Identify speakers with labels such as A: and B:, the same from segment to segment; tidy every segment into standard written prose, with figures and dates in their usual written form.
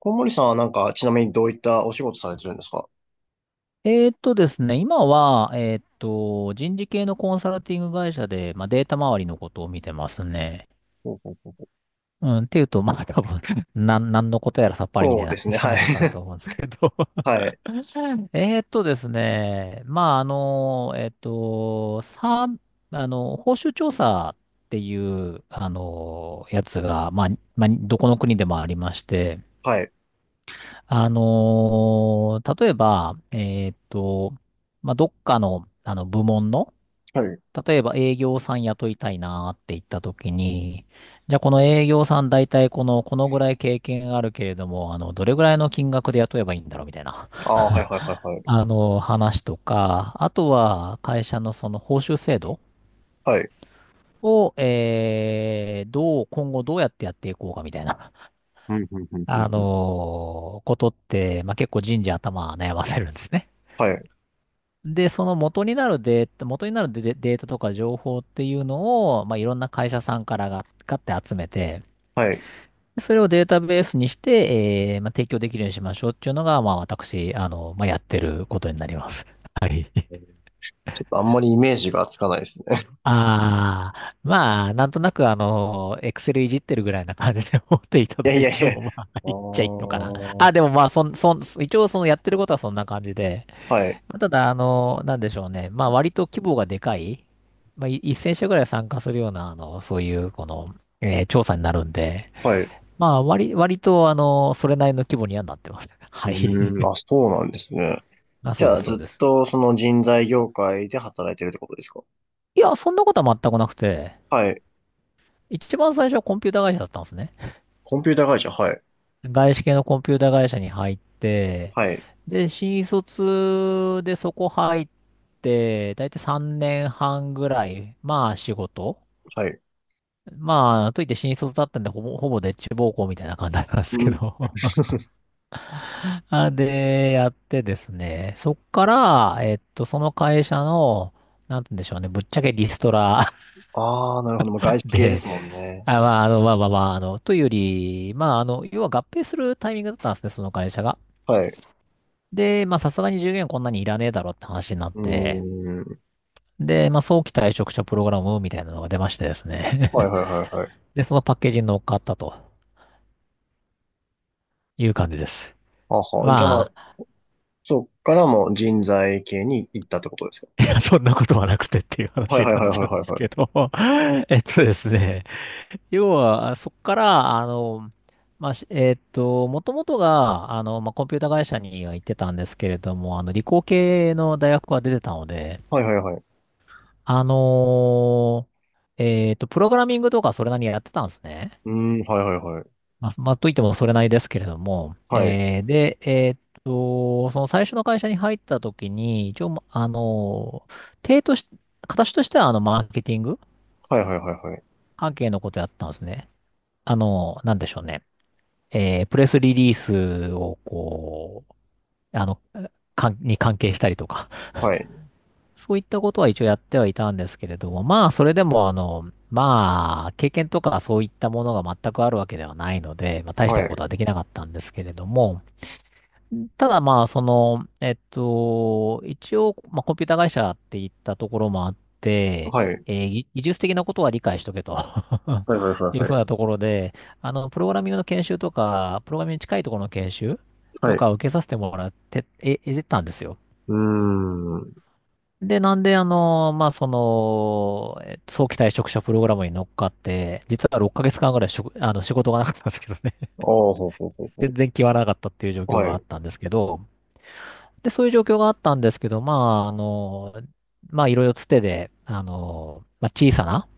A: 小森さんはなんか、ちなみにどういったお仕事されてるんですか？
B: ですね、今は、人事系のコンサルティング会社で、データ周りのことを見てますね。
A: ほうほうほう。
B: うん、っていうと、多分、なんのことやらさっぱりみた
A: そう
B: いな
A: で
B: 感
A: すね、
B: じに
A: はい。
B: なるかなと思うんですけど。
A: はい、
B: ですね、まあ、あの、えーっと、さ、あの、報酬調査っていう、やつが、どこの国でもありまして、
A: はい、
B: 例えば、どっかの、部門の、
A: はい。
B: 例えば営業さん雇いたいなーって言った時に、じゃあこの営業さん大体このぐらい経験あるけれども、どれぐらいの金額で雇えばいいんだろうみたいな、
A: ああ、はい、はい、はい、はい。
B: 話とか、あとは会社のその報酬制度
A: はい、
B: を、今後どうやってやっていこうかみたいな、
A: うんうんうんうん
B: あ
A: うん、
B: のことって、結構人事頭悩ませるんですね。
A: はい、
B: で、その元になるデデータとか情報っていうのを、いろんな会社さんからが、買って集めて、
A: はい。
B: それをデータベースにして、提供できるようにしましょうっていうのが、私、やってることになります。はい。
A: ちょっとあんまりイメージがつかないですね。
B: ああ、なんとなく、エクセルいじってるぐらいな感じで思っていた
A: い
B: だ
A: やい
B: い
A: やい
B: て
A: や。
B: も、
A: あ、
B: いっちゃいいのかな。あ、でもまあ、そん、そん、一応、やってることはそんな感じで、
A: はい、
B: ただ、なんでしょうね。割と規模がでかい、1000社ぐらい参加するような、あの、そういう、この、えー調査になるんで、
A: はい。
B: 割と、それなりの規模にはなってます。
A: う
B: はい。
A: ーん、あ、そうなんですね。
B: あ、
A: じ
B: そう
A: ゃ
B: で
A: あ、
B: す、そ
A: ずっ
B: うです。
A: とその人材業界で働いてるってことですか？
B: いや、そんなことは全くなくて、
A: はい。
B: 一番最初はコンピュータ会社だったんですね。
A: コンピューター会社、はい、
B: 外資系のコンピュータ会社に入って、
A: はい、
B: で、新卒でそこ入って、だいたい3年半ぐらい、仕事。
A: はい。
B: といって新卒だったんで、ほぼでっち奉公みたいな感じなんです
A: う
B: け
A: ん。
B: ど。で、やってですね、そっから、その会社の、なんて言うんでしょうね、ぶっちゃけリストラ。
A: ああ、なるほど。もう外 資系で
B: で、
A: すもんね。
B: あ、というより、要は合併するタイミングだったんですね、その会社が。
A: はい。
B: で、さすがに従業員こんなにいらねえだろって話になっ
A: う
B: て、
A: ーん。
B: で、早期退職者プログラムみたいなのが出ましてです
A: はい
B: ね。
A: はいはいはい。
B: で、そのパッケージに乗っかったという感じです。
A: あは、じゃあ、
B: まあ、
A: そっからもう人材系に行ったってことですか？
B: そんなことはなくてっていう
A: はい
B: 話に
A: はい
B: な
A: は
B: っ
A: いは
B: ちゃ
A: い
B: うん
A: は
B: で
A: い
B: す
A: は
B: け
A: い。
B: ど。 えっとですね。要は、そこから、あの、まあ、しえっと、もともとが、コンピュータ会社には行ってたんですけれども、理工系の大学は出てたので、
A: はいはいはい。
B: あのプログラミングとかそれなりにやってたんですね。
A: うーん、はいはいはい。
B: といってもそれなりですけれども、
A: はい。
B: えーで、えっと、その最初の会社に入った時に、一応、まあのー手とし、形としては、マーケティング
A: はいはいはいはい。
B: 関係のことやったんですね。なんでしょうね。プレスリリースをこう、あの、かんに関係したりとか、
A: はい。
B: そういったことは一応やってはいたんですけれども、それでも、経験とかそういったものが全くあるわけではないので、大し
A: は
B: た
A: い。
B: ことはできなかったんですけれども、ただ一応、コンピュータ会社って言ったところもあって、
A: はい。
B: えーぎ技術的なことは理解しとけと
A: はいはいは い
B: いう
A: は
B: ふう
A: い。
B: なところで、プログラミングの研修とか、プログラミングに近いところの研修
A: は
B: と
A: い。
B: かを受けさせてもらって、たんですよ。
A: うーん。
B: で、なんで、早期退職者プログラムに乗っかって、実は6ヶ月間ぐらいしょあの、仕事がなかったんですけどね。
A: ああ、ほうほうほう ほ
B: 全然決まらなかったっていう状
A: う。
B: 況
A: は
B: があ
A: い。
B: ったんですけど、で、そういう状況があったんですけど、あ、あの、いろいろつてで、小さな、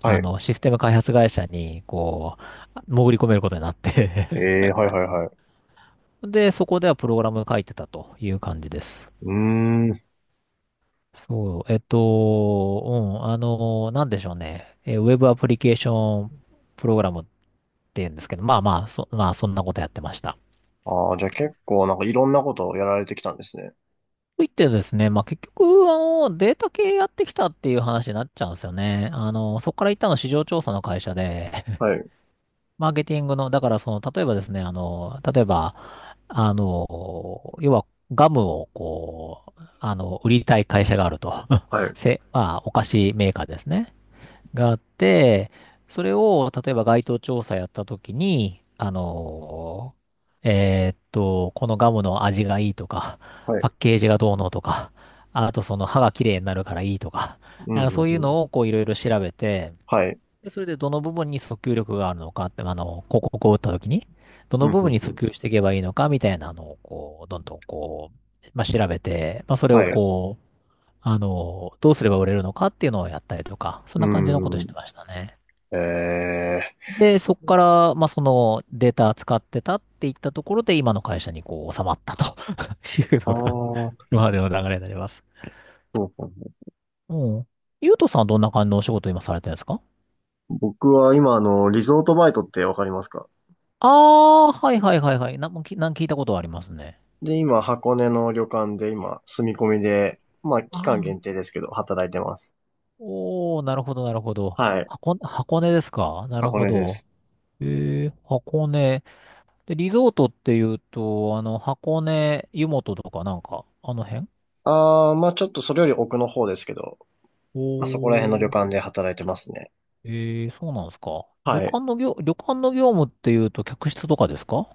A: はい。
B: システム開発会社に、潜り込めることになって。
A: ええ、はいはいはい。
B: で、そこではプログラム書いてたという感じです。
A: うーん。
B: そう、うん、なんでしょうね。ウェブアプリケーションプログラムっていうんですけど、まあまあ、そ、まあ、そんなことやってました。
A: ああ、じゃあ結構なんかいろんなことをやられてきたんですね。
B: といってですね、結局、データ系やってきたっていう話になっちゃうんですよね。そこから行ったの市場調査の会社で、
A: はい。
B: マーケティングの、だからその、例えばですね、例えば、要は、ガムを、売りたい会社があると。
A: は い。
B: せ、まあ、お菓子メーカーですね。があって、それを、例えば該当調査やったときに、このガムの味がいいとか、
A: は
B: パ
A: い。
B: ッケージがどうのとか、あとその歯が綺麗になるからいいとか、
A: うん、う
B: そ
A: ん、
B: ういう
A: うん。
B: のをいろいろ調べて、
A: はい。
B: で、それでどの部分に訴求力があるのかって、広告を打ったときに、どの
A: うん、うん、
B: 部分に
A: う
B: 訴
A: ん。
B: 求していけばいいのかみたいなのを、どんどん調べて、それ
A: は
B: を
A: い。う
B: どうすれば売れるのかっていうのをやったりとか、そん
A: ー
B: な感じのことし
A: ん。
B: てましたね。
A: ええ。
B: で、そこから、そのデータ使ってたっていったところで、今の会社に収まったと いう
A: ああ、
B: のが、
A: そ
B: 今までの流れになります。
A: うか。
B: うん。ゆうとさんはどんな感じのお仕事を今されてるんですか？
A: 僕は今、リゾートバイトってわかりますか？
B: ああー、はいはいはいはい。なんもきなん聞いたことはありますね。
A: で、今、箱根の旅館で今、住み込みで、まあ、期
B: あ
A: 間
B: あ、
A: 限定ですけど、働いてます。
B: おー、なるほどなるほど。
A: はい。
B: 箱根ですか？なる
A: 箱
B: ほ
A: 根で
B: ど。
A: す。
B: えー、箱根。で、リゾートっていうと、箱根、湯本とかなんか、あの辺？
A: あー、まあ、ちょっとそれより奥の方ですけど、まあ、そこら辺の旅
B: おー。
A: 館で働いてますね。
B: えー、そうなんですか。
A: はい。
B: 旅館の業務っていうと客室とかですか？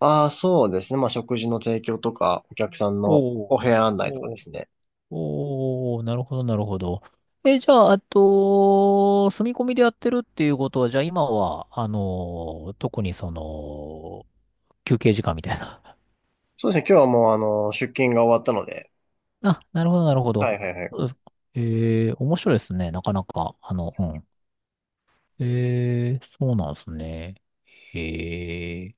A: あー、そうですね。まあ、食事の提供とか、お客さんの
B: おー。
A: お部屋案内とかで
B: おー。
A: すね。
B: おー、なるほど、なるほど。え、じゃあ、あと、住み込みでやってるっていうことは、じゃあ今は、特にその、休憩時間みたいな。
A: そうですね。今日はもう、出勤が終わったので、
B: あ、なるほど、なるほ
A: は
B: ど。
A: いはいは
B: そ
A: い。
B: うですか？えー、面白いですね。なかなか、うん、ええ、そうなんですね。へえ。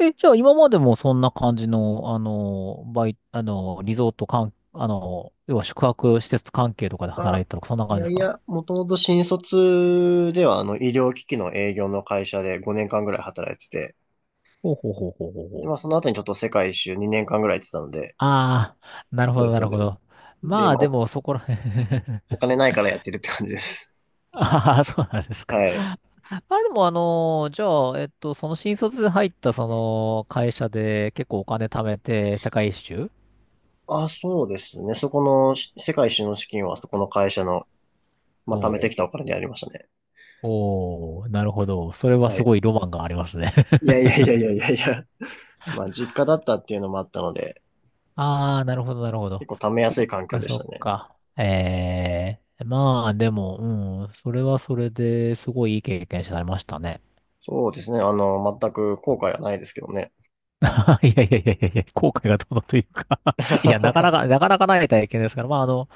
B: え、じゃあ今までもそんな感じの、あの、バイ、あの、リゾート関あの、要は宿泊施設関係とかで働い
A: あ、
B: てたとか、そんな
A: い
B: 感じで
A: や
B: す
A: い
B: か？
A: や、もともと新卒ではあの医療機器の営業の会社で5年間ぐらい働いてて、
B: ほうほうほうほうほうほ
A: で、
B: う。
A: まあその後にちょっと世界一周2年間ぐらい行ってたので、
B: ああ、なる
A: そ
B: ほ
A: うで
B: ど、
A: す、
B: な
A: そ
B: る
A: う
B: ほ
A: です。
B: ど。
A: で、
B: まあ、でも、そこら辺。
A: お金ないからやってるって感じです。
B: ああ、そうなんです か。
A: はい。
B: あれでも、じゃあ、その新卒で入った、会社で結構お金貯めて、世界一周
A: あ、そうですね。そこのし世界一周の資金はそこの会社の、まあ貯めて
B: を。
A: きたお金でありましたね。
B: おー、なるほど。それは
A: は
B: す
A: い。
B: ごいロマンがありますね。
A: いやいやいやいやいやいや。まあ実家だったっていうのもあったので、
B: あー、なるほど、なるほ
A: 結
B: ど。
A: 構貯めや
B: そ
A: すい
B: っ
A: 環境
B: か、
A: でし
B: そ
A: た
B: っ
A: ね。
B: か。まあ、でも、うん、それはそれですごいいい経験されましたね。
A: そうですね。全く後悔はないですけどね。
B: いやいやいやいやいや、後悔がどうのというか。 いや、なかなかない体験ですから、まあ、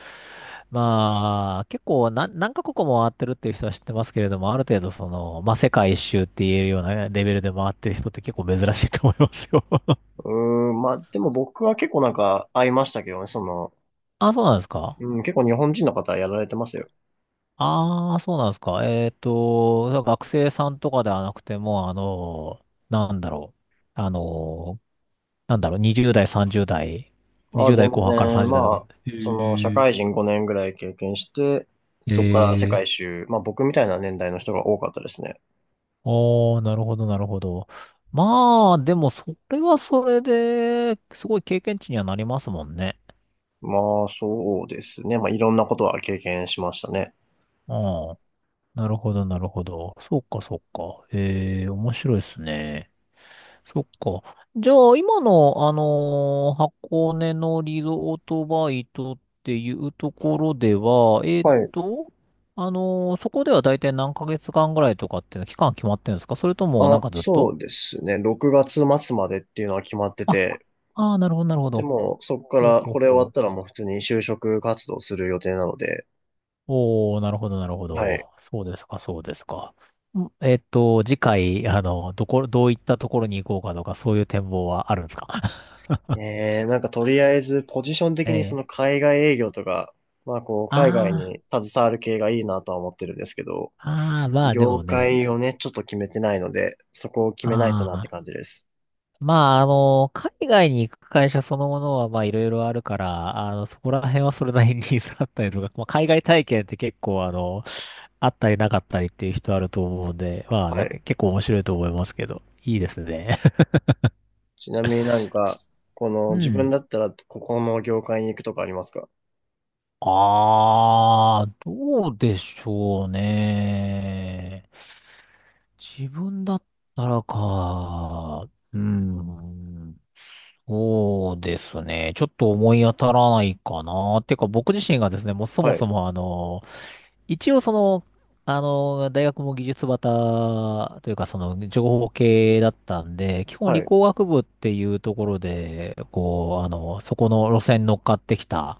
B: まあ、結構何カ国も回ってるっていう人は知ってますけれども、ある程度まあ、世界一周っていうようなレベルで回ってる人って結構珍しいと思いますよ。
A: うーん、まあ、でも僕は結構なんか会いましたけどね、その、
B: あ、そうなんですか。
A: うん、結構日本人の方やられてますよ。
B: ああ、そうなんですか。学生さんとかではなくても、なんだろう。あの、なんだろう、20代、30代、
A: ああ、
B: 20代
A: 全
B: 後半から
A: 然、
B: 30代とか。
A: まあ、
B: へ
A: その、社
B: え、
A: 会人5年ぐらい経験して、
B: え
A: そこから世界
B: え、
A: 一周、まあ僕みたいな年代の人が多かったですね。
B: ああ、なるほど、なるほど。まあ、でも、それはそれで、すごい経験値にはなりますもんね。
A: まあ、そうですね。まあ、いろんなことは経験しましたね。
B: うん。なるほど、なるほど。そうか、そうか。ええ、面白いですね。そっか。じゃあ、今の、箱根のリゾートバイトっていうところでは、
A: はい。
B: そこでは大体何ヶ月間ぐらいとかっていうの期間決まってるんですか？それとも、なん
A: あ、
B: かずっ
A: そ
B: と。
A: うですね。6月末までっていうのは決まって
B: あ、
A: て、
B: ああー、なるほど、なるほ
A: で
B: ど。
A: も、そこか
B: ほう
A: ら、
B: ほう
A: これ終わ
B: ほ
A: った
B: う。
A: らもう普通に就職活動する予定なので、
B: おー、なるほど、なるほ
A: はい。
B: ど。そうですか、そうですか。次回、どういったところに行こうかとか、そういう展望はあるんですか？
A: ねえ、なんかとりあえずポジション的
B: え
A: にその
B: え。
A: 海外営業とか、まあこう海外
B: あ
A: に携わる系がいいなとは思ってるんですけど、
B: あ、ああ、まあで
A: 業
B: もね、
A: 界をね、ちょっと決めてないので、そこを決めないと
B: あ
A: なって
B: あ、
A: 感じです。
B: まあ、海外に行く会社そのものは、まあいろいろあるから、そこら辺はそれなりに ニーズあったりとか、まあ、海外体験って結構、あったりなかったりっていう人あると思うんで、まあ、
A: は
B: なんか
A: い。
B: 結構面白いと思いますけど、いいですね。
A: ちなみになんか、こ の
B: う
A: 自分
B: ん。
A: だったらここの業界に行くとかありますか？
B: ああ、どうでしょうね。自分だったらか。うん。そうですね。ちょっと思い当たらないかな。てか僕自身がですね、もうそも
A: はい。
B: そも一応大学も技術バタというかその情報系だったんで、基本
A: は
B: 理
A: い。
B: 工学部っていうところで、そこの路線に乗っかってきた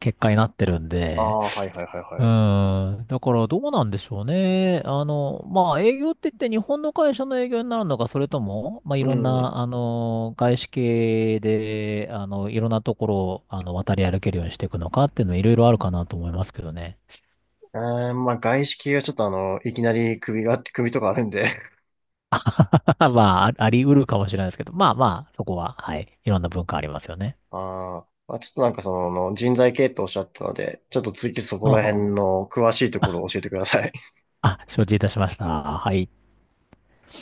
B: 結果になってるん
A: あ
B: で、
A: あ、はいはいはい
B: う
A: はい。
B: ーん。だからどうなんでしょうね。まあ営業って言って日本の会社の営業になるのか、それとも、まあい
A: う
B: ろん
A: ん。
B: な、外資系で、いろんなところを、渡り歩けるようにしていくのかっていうのはいろいろあるかなと思いますけどね。
A: えまあ外資系はちょっといきなり首とかあるんで、
B: まあ、ああり得るかもしれないですけど、まあまあ、そこは、はい。いろんな文化ありますよね。
A: まあ、ちょっとなんかその人材系っておっしゃってたので、ちょっと次そこ
B: あ
A: ら
B: あ、
A: 辺の詳しいところを教えてください。
B: あ承知いたしました。はい。